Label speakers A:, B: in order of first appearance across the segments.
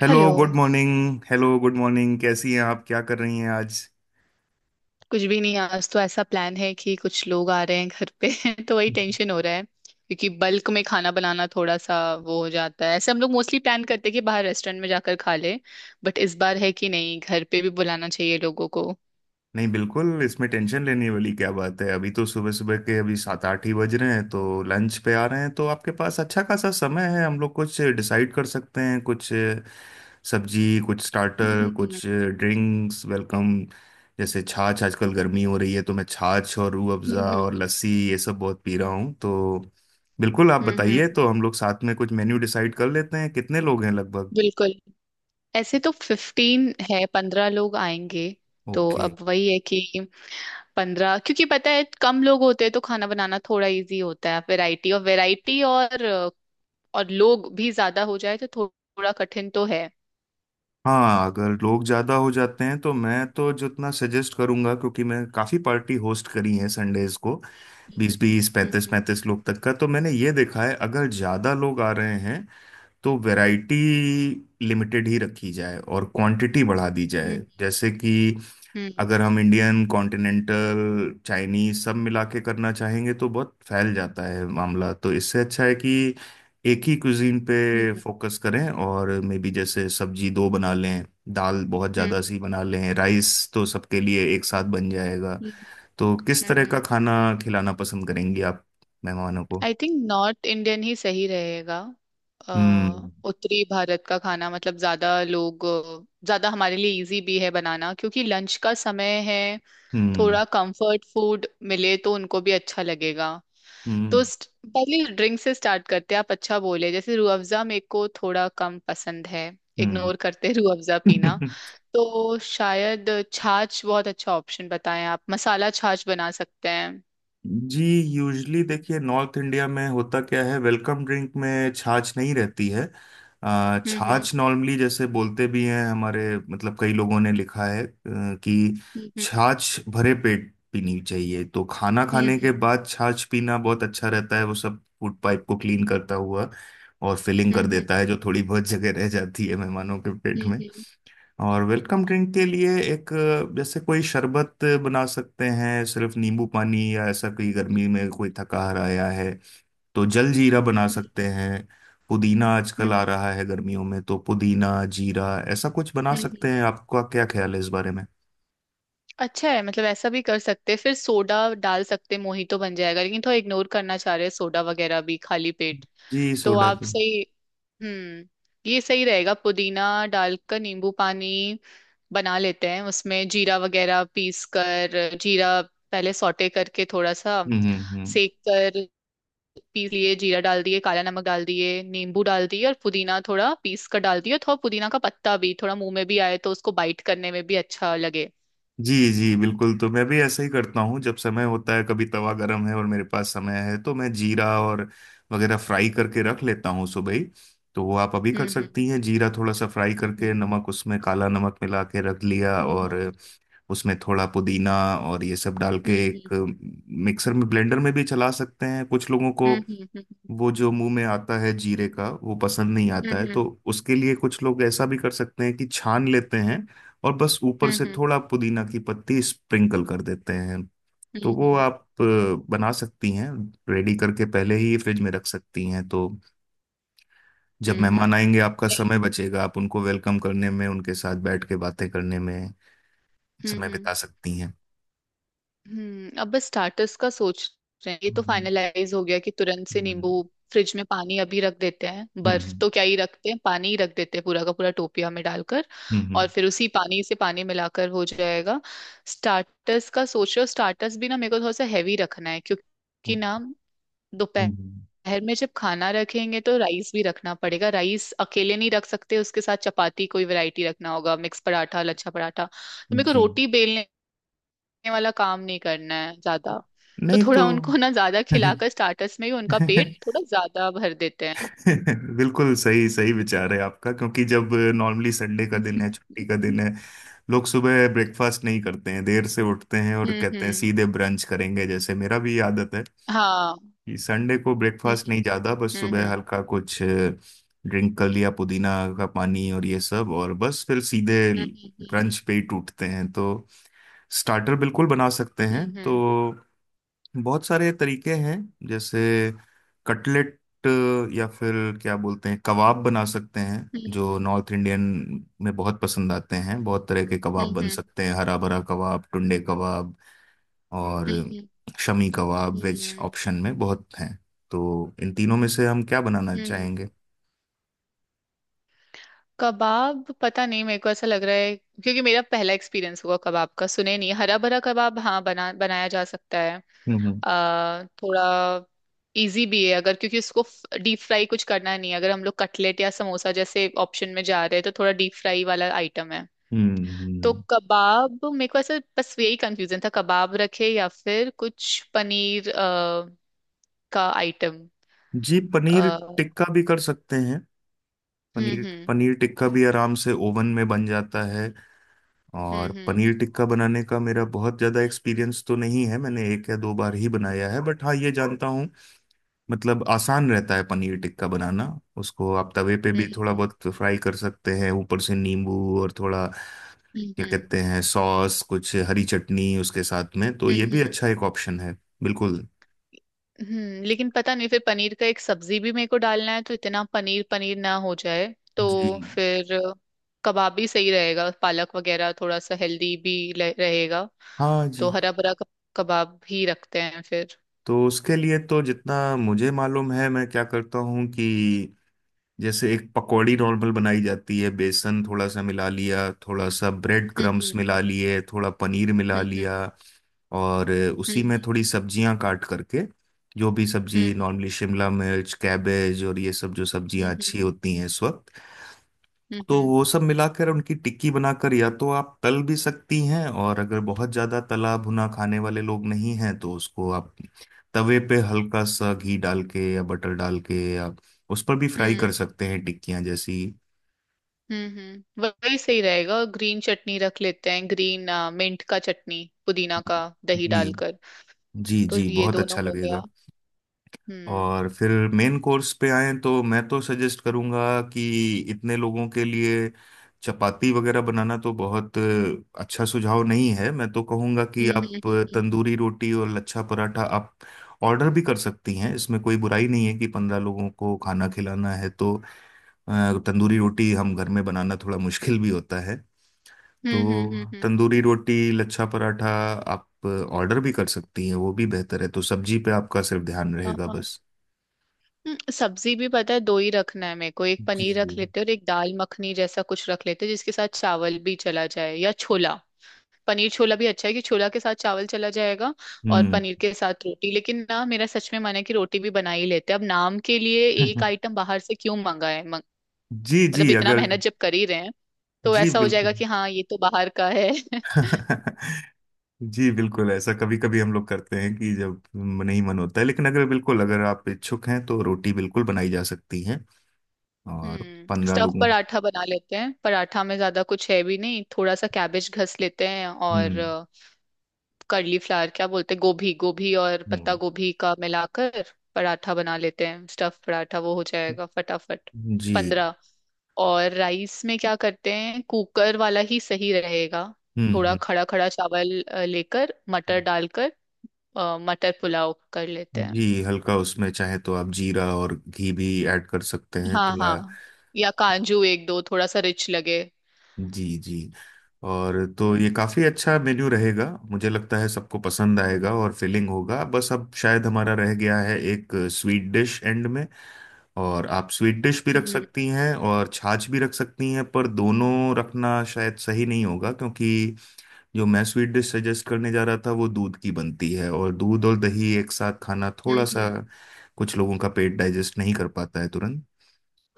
A: Hello,
B: hello.
A: Good morning. Hello, good morning. कैसी हैं आप? क्या कर रही हैं आज?
B: कुछ भी नहीं, आज तो ऐसा प्लान है कि कुछ लोग आ रहे हैं घर पे। तो वही टेंशन हो रहा है क्योंकि बल्क में खाना बनाना थोड़ा सा वो हो जाता है। ऐसे हम लोग मोस्टली प्लान करते हैं कि बाहर रेस्टोरेंट में जाकर खा ले। बट इस बार है कि नहीं, घर पे भी बुलाना चाहिए लोगों को।
A: नहीं, बिल्कुल इसमें टेंशन लेने वाली क्या बात है। अभी तो सुबह सुबह के अभी 7 8 ही बज रहे हैं, तो लंच पे आ रहे हैं तो आपके पास अच्छा खासा समय है। हम लोग कुछ डिसाइड कर सकते हैं, कुछ सब्जी, कुछ स्टार्टर,
B: हम्म।
A: कुछ ड्रिंक्स, वेलकम। जैसे छाछ, आजकल गर्मी हो रही है तो मैं छाछ और रूह अफ़ज़ा
B: हम्म।
A: और लस्सी ये सब बहुत पी रहा हूँ तो बिल्कुल आप
B: हम्म।
A: बताइए। तो हम लोग साथ में कुछ मेन्यू डिसाइड कर लेते हैं। कितने लोग हैं लगभग?
B: बिल्कुल। ऐसे तो 15 है, 15 लोग आएंगे। तो
A: ओके।
B: अब वही है कि 15, क्योंकि पता है कम लोग होते हैं तो खाना बनाना थोड़ा इजी होता है, वैरायटी। और वैरायटी और लोग भी ज्यादा हो जाए तो थोड़ा कठिन तो है।
A: हाँ, अगर लोग ज़्यादा हो जाते हैं तो मैं तो जितना सजेस्ट करूंगा, क्योंकि मैं काफ़ी पार्टी होस्ट करी है संडेज को। बीस बीस
B: हम्म।
A: पैंतीस
B: हम्म।
A: पैंतीस लोग तक का तो मैंने ये देखा है। अगर ज़्यादा लोग आ रहे हैं तो वैरायटी लिमिटेड ही रखी जाए और क्वांटिटी बढ़ा दी जाए।
B: हम्म।
A: जैसे कि अगर हम इंडियन, कॉन्टिनेंटल, चाइनीज सब मिला के करना चाहेंगे तो बहुत फैल जाता है मामला। तो इससे अच्छा है कि एक ही कुजीन पे
B: हम्म।
A: फोकस करें। और मे बी जैसे सब्जी दो बना लें, दाल बहुत ज़्यादा
B: हम्म।
A: सी बना लें, राइस तो सबके लिए एक साथ बन जाएगा।
B: हम्म।
A: तो किस तरह का
B: हम्म।
A: खाना खिलाना पसंद करेंगी आप मेहमानों को?
B: आई थिंक नॉर्थ इंडियन ही सही रहेगा।
A: हम्म
B: उत्तरी भारत का खाना, मतलब ज्यादा लोग, ज्यादा हमारे लिए इजी भी है बनाना क्योंकि लंच का समय है।
A: हम्म।
B: थोड़ा कंफर्ट फूड मिले तो उनको भी अच्छा लगेगा। तो
A: हम्म
B: पहले ड्रिंक से स्टार्ट करते हैं। आप अच्छा बोले, जैसे रूह अफ़ज़ा मेरे को थोड़ा कम पसंद है।
A: हम्म।
B: इग्नोर करते हैं रूह अफ़ज़ा पीना। तो शायद छाछ बहुत अच्छा ऑप्शन। बताएं, आप मसाला छाछ बना सकते हैं।
A: जी, यूजली देखिए, नॉर्थ इंडिया में होता क्या है, वेलकम ड्रिंक में छाछ नहीं रहती है।
B: हम्म।
A: छाछ नॉर्मली जैसे बोलते भी हैं हमारे, मतलब कई लोगों ने लिखा है कि
B: हम्म। हम्म।
A: छाछ भरे पेट पीनी चाहिए। तो खाना खाने
B: हम्म।
A: के बाद छाछ पीना बहुत अच्छा रहता है। वो सब फूड पाइप को क्लीन करता हुआ और फिलिंग कर
B: हम्म।
A: देता है जो थोड़ी बहुत जगह रह जाती है मेहमानों के पेट।
B: हम्म।
A: और वेलकम ड्रिंक के लिए एक जैसे कोई शरबत बना सकते हैं, सिर्फ नींबू पानी, या ऐसा कोई गर्मी में कोई थकाहार आया है तो जल जीरा बना सकते हैं। पुदीना आजकल
B: हम्म।
A: आ रहा है गर्मियों में तो पुदीना जीरा ऐसा कुछ बना सकते
B: हम्म।
A: हैं। आपका क्या ख्याल है इस बारे में?
B: अच्छा है, मतलब ऐसा भी कर सकते हैं, फिर सोडा डाल सकते हैं, मोहितो बन जाएगा। लेकिन थोड़ा इग्नोर करना चाह रहे हैं सोडा वगैरह भी खाली पेट।
A: जी,
B: तो
A: सोडा
B: आप
A: तो।
B: सही। हम्म। ये सही रहेगा, पुदीना डालकर नींबू पानी बना लेते हैं, उसमें जीरा वगैरह पीस कर, जीरा पहले सौटे करके थोड़ा सा
A: हम्म।
B: सेक कर, पीस लिए, जीरा डाल दिए, काला नमक डाल दिए, नींबू डाल दिए और पुदीना थोड़ा पीस कर डाल दिए। थोड़ा पुदीना का पत्ता भी थोड़ा मुंह में भी आए तो उसको बाइट करने में भी अच्छा लगे।
A: जी जी बिल्कुल, तो मैं भी ऐसा ही करता हूँ। जब समय होता है, कभी तवा गरम है और मेरे पास समय है तो मैं जीरा और वगैरह फ्राई करके रख लेता हूँ सुबह ही। तो वो आप अभी कर
B: हम्म। हम्म।
A: सकती हैं। जीरा थोड़ा सा फ्राई करके, नमक, उसमें काला नमक मिला के रख लिया,
B: हम्म।
A: और उसमें थोड़ा पुदीना और ये सब डाल के एक
B: हम्म।
A: मिक्सर में, ब्लेंडर में भी चला सकते हैं। कुछ लोगों को
B: हम्म। हम्म।
A: वो जो मुंह में आता है जीरे का वो पसंद नहीं आता
B: हम्म।
A: है,
B: हम्म।
A: तो उसके लिए कुछ लोग ऐसा भी कर सकते हैं कि छान लेते हैं और बस ऊपर
B: हम्म।
A: से
B: हम्म।
A: थोड़ा पुदीना की पत्ती स्प्रिंकल कर देते हैं।
B: हम्म।
A: तो
B: हम्म।
A: वो
B: हम्म। हम्म।
A: आप बना सकती हैं, रेडी करके पहले ही फ्रिज में रख सकती हैं। तो जब
B: हम्म।
A: मेहमान आएंगे, आपका
B: नहीं।
A: समय बचेगा, आप उनको वेलकम करने में, उनके साथ बैठ के बातें करने में
B: हम्म।
A: समय
B: हम्म।
A: बिता सकती हैं।
B: हम्म। अब बस स्टार्टर्स का सोच रहे हैं। ये तो
A: हम्म
B: फाइनलाइज हो गया कि तुरंत से
A: हम्म।
B: नींबू, फ्रिज में पानी अभी रख देते हैं। बर्फ
A: हम्म
B: तो क्या ही रखते हैं, पानी ही रख देते हैं पूरा का पूरा टोपिया में डालकर, और
A: हम्म
B: फिर उसी पानी से पानी मिलाकर हो जाएगा। स्टार्टर्स का सोच रहे हो। स्टार्टर्स भी ना मेरे को थोड़ा सा हैवी रखना है, क्योंकि
A: हम्म,
B: ना दोपहर
A: हम्म,
B: में जब खाना रखेंगे तो राइस भी रखना पड़ेगा। राइस अकेले नहीं रख सकते, उसके साथ चपाती कोई वैरायटी रखना होगा, मिक्स पराठा, लच्छा पराठा। तो मेरे को
A: जी,
B: रोटी बेलने वाला काम नहीं करना है ज्यादा। तो
A: नहीं तो।
B: थोड़ा उनको ना, ज्यादा खिलाकर स्टार्टर्स में ही उनका पेट थोड़ा ज्यादा भर देते हैं।
A: बिल्कुल, सही सही विचार है आपका। क्योंकि जब नॉर्मली संडे का दिन है, छुट्टी का दिन है, लोग सुबह ब्रेकफास्ट नहीं करते हैं, देर से उठते हैं और
B: हम्म।
A: कहते हैं
B: हम्म।
A: सीधे ब्रंच करेंगे। जैसे मेरा भी आदत है
B: हाँ।
A: कि संडे को ब्रेकफास्ट
B: हम्म।
A: नहीं ज्यादा, बस सुबह
B: हम्म।
A: हल्का कुछ ड्रिंक कर लिया, पुदीना का पानी और ये सब, और बस फिर सीधे ब्रंच पे ही टूटते हैं। तो स्टार्टर बिल्कुल बना सकते हैं। तो
B: हम्म।
A: बहुत सारे तरीके हैं। जैसे कटलेट, या फिर क्या बोलते हैं, कबाब बना सकते हैं। जो नॉर्थ इंडियन में बहुत पसंद आते हैं। बहुत तरह के कबाब बन
B: हम्म।
A: सकते हैं, हरा भरा कबाब, टुंडे कबाब, और शमी कबाब, वेज
B: हम्म।
A: ऑप्शन में बहुत हैं। तो इन तीनों में से हम क्या बनाना
B: हम्म।
A: चाहेंगे?
B: कबाब पता नहीं, मेरे को ऐसा लग रहा है क्योंकि मेरा पहला एक्सपीरियंस हुआ कबाब का, सुने नहीं? हरा भरा कबाब हाँ बना बनाया जा सकता है।
A: हम्म
B: थोड़ा इजी भी है अगर, क्योंकि उसको डीप फ्राई कुछ करना नहीं है। अगर हम लोग कटलेट या समोसा जैसे ऑप्शन में जा रहे हैं तो थोड़ा डीप फ्राई वाला आइटम है।
A: हम्म।
B: तो कबाब मेरे को ऐसे, बस यही कंफ्यूजन था, कबाब रखे या फिर कुछ पनीर का आइटम।
A: जी, पनीर
B: हम्म।
A: टिक्का भी कर सकते हैं। पनीर,
B: हम्म।
A: पनीर टिक्का भी आराम से ओवन में बन जाता है। और
B: हम्म।
A: पनीर टिक्का बनाने का मेरा बहुत ज़्यादा एक्सपीरियंस तो नहीं है, मैंने एक या दो बार ही बनाया है, बट हाँ ये जानता हूँ मतलब आसान रहता है पनीर टिक्का बनाना। उसको आप तवे पे
B: हम्म।
A: भी थोड़ा
B: हम्म।
A: बहुत फ्राई कर सकते हैं, ऊपर से नींबू और थोड़ा क्या
B: हम्म।
A: कहते हैं सॉस, कुछ हरी चटनी उसके साथ में। तो
B: हम्म।
A: ये भी
B: हम्म।
A: अच्छा एक ऑप्शन है। बिल्कुल।
B: हम्म। लेकिन पता नहीं, फिर पनीर का एक सब्जी भी मेरे को डालना है तो इतना पनीर पनीर ना हो जाए। तो
A: जी,
B: फिर कबाब भी सही रहेगा, पालक वगैरह थोड़ा सा हेल्दी भी रहेगा।
A: हाँ
B: तो
A: जी।
B: हरा भरा कबाब ही रखते हैं फिर।
A: तो उसके लिए तो जितना मुझे मालूम है, मैं क्या करता हूँ कि जैसे एक पकौड़ी नॉर्मल बनाई जाती है, बेसन थोड़ा सा मिला लिया, थोड़ा सा ब्रेड क्रम्स
B: हम्म।
A: मिला लिए, थोड़ा पनीर मिला
B: हम्म। हम्म।
A: लिया, और उसी में
B: हम्म।
A: थोड़ी सब्जियां काट करके, जो भी सब्जी
B: हम्म।
A: नॉर्मली शिमला मिर्च, कैबेज और ये सब जो सब्जियां
B: हम्म।
A: अच्छी होती हैं इस वक्त।
B: हम्म।
A: तो
B: हम्म।
A: वो सब मिलाकर उनकी टिक्की बनाकर, या तो आप तल भी सकती हैं, और अगर बहुत ज़्यादा तला भुना खाने वाले लोग नहीं हैं तो उसको आप तवे पे हल्का सा घी डाल के या बटर डाल के या उस पर भी फ्राई कर
B: हम्म।
A: सकते हैं टिक्कियाँ जैसी।
B: हम्म। वही सही रहेगा। ग्रीन चटनी रख लेते हैं, ग्रीन मिंट का चटनी, पुदीना का
A: जी
B: दही
A: जी।
B: डालकर।
A: जी
B: तो
A: जी,
B: ये
A: बहुत
B: दोनों
A: अच्छा
B: हो गया।
A: लगेगा।
B: हम्म।
A: और फिर मेन कोर्स पे आए तो मैं तो सजेस्ट करूंगा कि इतने लोगों के लिए चपाती वगैरह बनाना तो बहुत अच्छा सुझाव नहीं है। मैं तो कहूंगा कि
B: हम्म।
A: आप
B: हम्म। हम्म।
A: तंदूरी रोटी और लच्छा पराठा आप ऑर्डर भी कर सकती हैं। इसमें कोई बुराई नहीं है कि 15 लोगों को खाना खिलाना है तो तंदूरी रोटी हम घर में बनाना थोड़ा मुश्किल भी होता है।
B: हम्म। हम्म।
A: तो
B: हम्म।
A: तंदूरी रोटी, लच्छा पराठा आप ऑर्डर भी कर सकती हैं, वो भी बेहतर है। तो सब्जी पे आपका सिर्फ ध्यान
B: हाँ
A: रहेगा
B: हाँ।
A: बस।
B: सब्जी भी पता है दो ही रखना है मेरे को। एक
A: जी।
B: पनीर रख लेते हैं और एक दाल मखनी जैसा कुछ रख लेते हैं जिसके साथ चावल भी चला जाए, या छोला। पनीर छोला भी अच्छा है, कि छोला के साथ चावल चला जाएगा और
A: हम्म।
B: पनीर के साथ रोटी। लेकिन ना मेरा सच में मन है कि रोटी भी बना ही लेते हैं। अब नाम के लिए एक आइटम बाहर से क्यों मंगाए
A: जी
B: मतलब
A: जी,
B: इतना
A: अगर
B: मेहनत जब कर ही रहे हैं, तो
A: जी
B: ऐसा हो
A: बिल्कुल।
B: जाएगा कि हाँ ये तो बाहर का है।
A: जी बिल्कुल, ऐसा कभी कभी हम लोग करते हैं कि जब नहीं मन होता है। लेकिन अगर बिल्कुल अगर आप इच्छुक हैं तो रोटी बिल्कुल बनाई जा सकती है। और
B: हम्म।
A: 15
B: स्टफ
A: लोगों।
B: पराठा बना लेते हैं, पराठा में ज्यादा कुछ है भी नहीं, थोड़ा सा कैबेज घस लेते हैं और
A: हम्म
B: कर्ली फ्लावर क्या बोलते हैं, गोभी, गोभी और पत्ता
A: हम्म।
B: गोभी का मिलाकर पराठा बना लेते हैं। स्टफ पराठा वो हो जाएगा फटाफट।
A: जी।
B: 15। और राइस में क्या करते हैं, कुकर वाला ही सही रहेगा। थोड़ा
A: हम्म।
B: खड़ा खड़ा चावल लेकर मटर
A: हम्म।
B: डालकर मटर पुलाव कर लेते हैं।
A: जी, हल्का उसमें चाहे तो आप जीरा और घी भी ऐड कर सकते हैं
B: हाँ
A: थोड़ा।
B: हाँ, या काजू एक दो, थोड़ा सा रिच लगे।
A: जी जी। और तो
B: हम्म।
A: ये काफ़ी अच्छा मेन्यू रहेगा, मुझे लगता है सबको पसंद आएगा और फिलिंग होगा। बस अब शायद हमारा रह गया है एक स्वीट डिश एंड में। और आप स्वीट डिश भी रख
B: हम्म।
A: सकती हैं और छाछ भी रख सकती हैं, पर दोनों रखना शायद सही नहीं होगा। क्योंकि जो मैं स्वीट डिश सजेस्ट करने जा रहा था वो दूध की बनती है, और दूध और दही एक साथ खाना
B: हम्म।
A: थोड़ा सा
B: हम्म।
A: कुछ लोगों का पेट डाइजेस्ट नहीं कर पाता है तुरंत।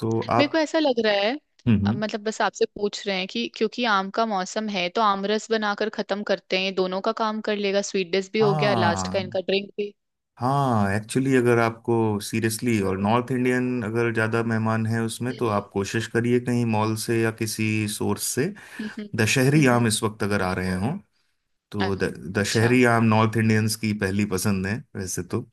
A: तो
B: मेरे
A: आप।
B: को ऐसा लग रहा है,
A: हम्म हम्म।
B: मतलब बस आपसे पूछ रहे हैं कि क्योंकि आम का मौसम है तो आम रस बनाकर खत्म करते हैं, ये दोनों का काम कर लेगा, स्वीट डिश भी हो गया लास्ट का,
A: हाँ,
B: इनका ड्रिंक भी।
A: हाँ एक्चुअली अगर आपको सीरियसली, और नॉर्थ इंडियन अगर ज़्यादा मेहमान हैं उसमें, तो आप
B: हम्म।
A: कोशिश करिए कहीं मॉल से या किसी सोर्स से
B: हम्म। हम्म।
A: दशहरी
B: हम्म,
A: आम
B: हम्म,
A: इस वक्त अगर आ रहे हों
B: अ-
A: तो
B: अच्छा।
A: दशहरी आम नॉर्थ इंडियंस की पहली पसंद है वैसे तो।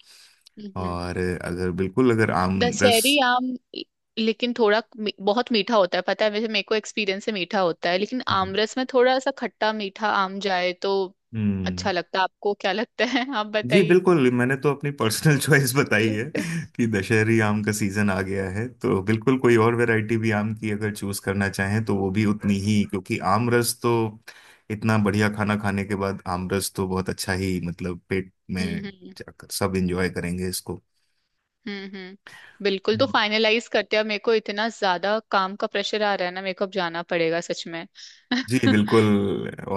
B: हम्म।
A: और अगर बिल्कुल अगर आम रस।
B: दशहरी आम ल- लेकिन थोड़ा बहुत मीठा होता है, पता है वैसे मेरे को एक्सपीरियंस से मीठा होता है। लेकिन
A: हम्म
B: आम रस में थोड़ा सा खट्टा मीठा आम जाए तो
A: हम्म।
B: अच्छा लगता है। आपको क्या लगता है? आप
A: जी
B: बताइए।
A: बिल्कुल, मैंने तो अपनी पर्सनल चॉइस बताई है कि दशहरी आम का सीजन आ गया है। तो बिल्कुल कोई और वैरायटी भी आम की अगर चूज करना चाहें तो वो भी उतनी ही। क्योंकि आम रस तो, इतना बढ़िया खाना खाने के बाद आम रस तो बहुत अच्छा ही, मतलब पेट में
B: हम्म।
A: जाकर सब एंजॉय करेंगे इसको।
B: हम्म। हम्म। बिल्कुल, तो फाइनलाइज करते हैं अब। मेरे को इतना ज्यादा काम का प्रेशर आ रहा है ना, मेरे को अब जाना पड़ेगा सच में।
A: जी
B: हम्म।
A: बिल्कुल।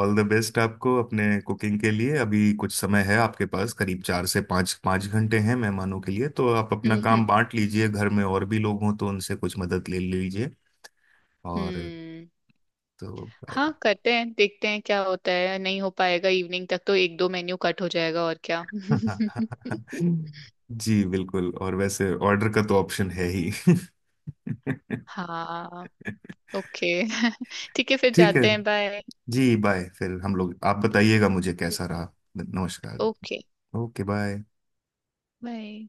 A: ऑल द बेस्ट आपको अपने कुकिंग के लिए। अभी कुछ समय है आपके पास, करीब चार से पाँच पाँच घंटे हैं मेहमानों के लिए। तो आप अपना
B: हम्म।
A: काम बांट लीजिए, घर में और भी लोग हों तो उनसे कुछ मदद ले लीजिए। और
B: हम्म।
A: तो।
B: हाँ करते हैं, देखते हैं क्या होता है, नहीं हो पाएगा इवनिंग तक तो एक दो मेन्यू कट हो जाएगा, और क्या।
A: जी बिल्कुल, और वैसे ऑर्डर का तो ऑप्शन है ही।
B: हाँ। ओके। ठीक है, फिर
A: ठीक है।
B: जाते हैं। बाय।
A: जी, बाय फिर। हम लोग, आप बताइएगा मुझे कैसा रहा। नमस्कार।
B: ओके।
A: Okay, bye.
B: बाय।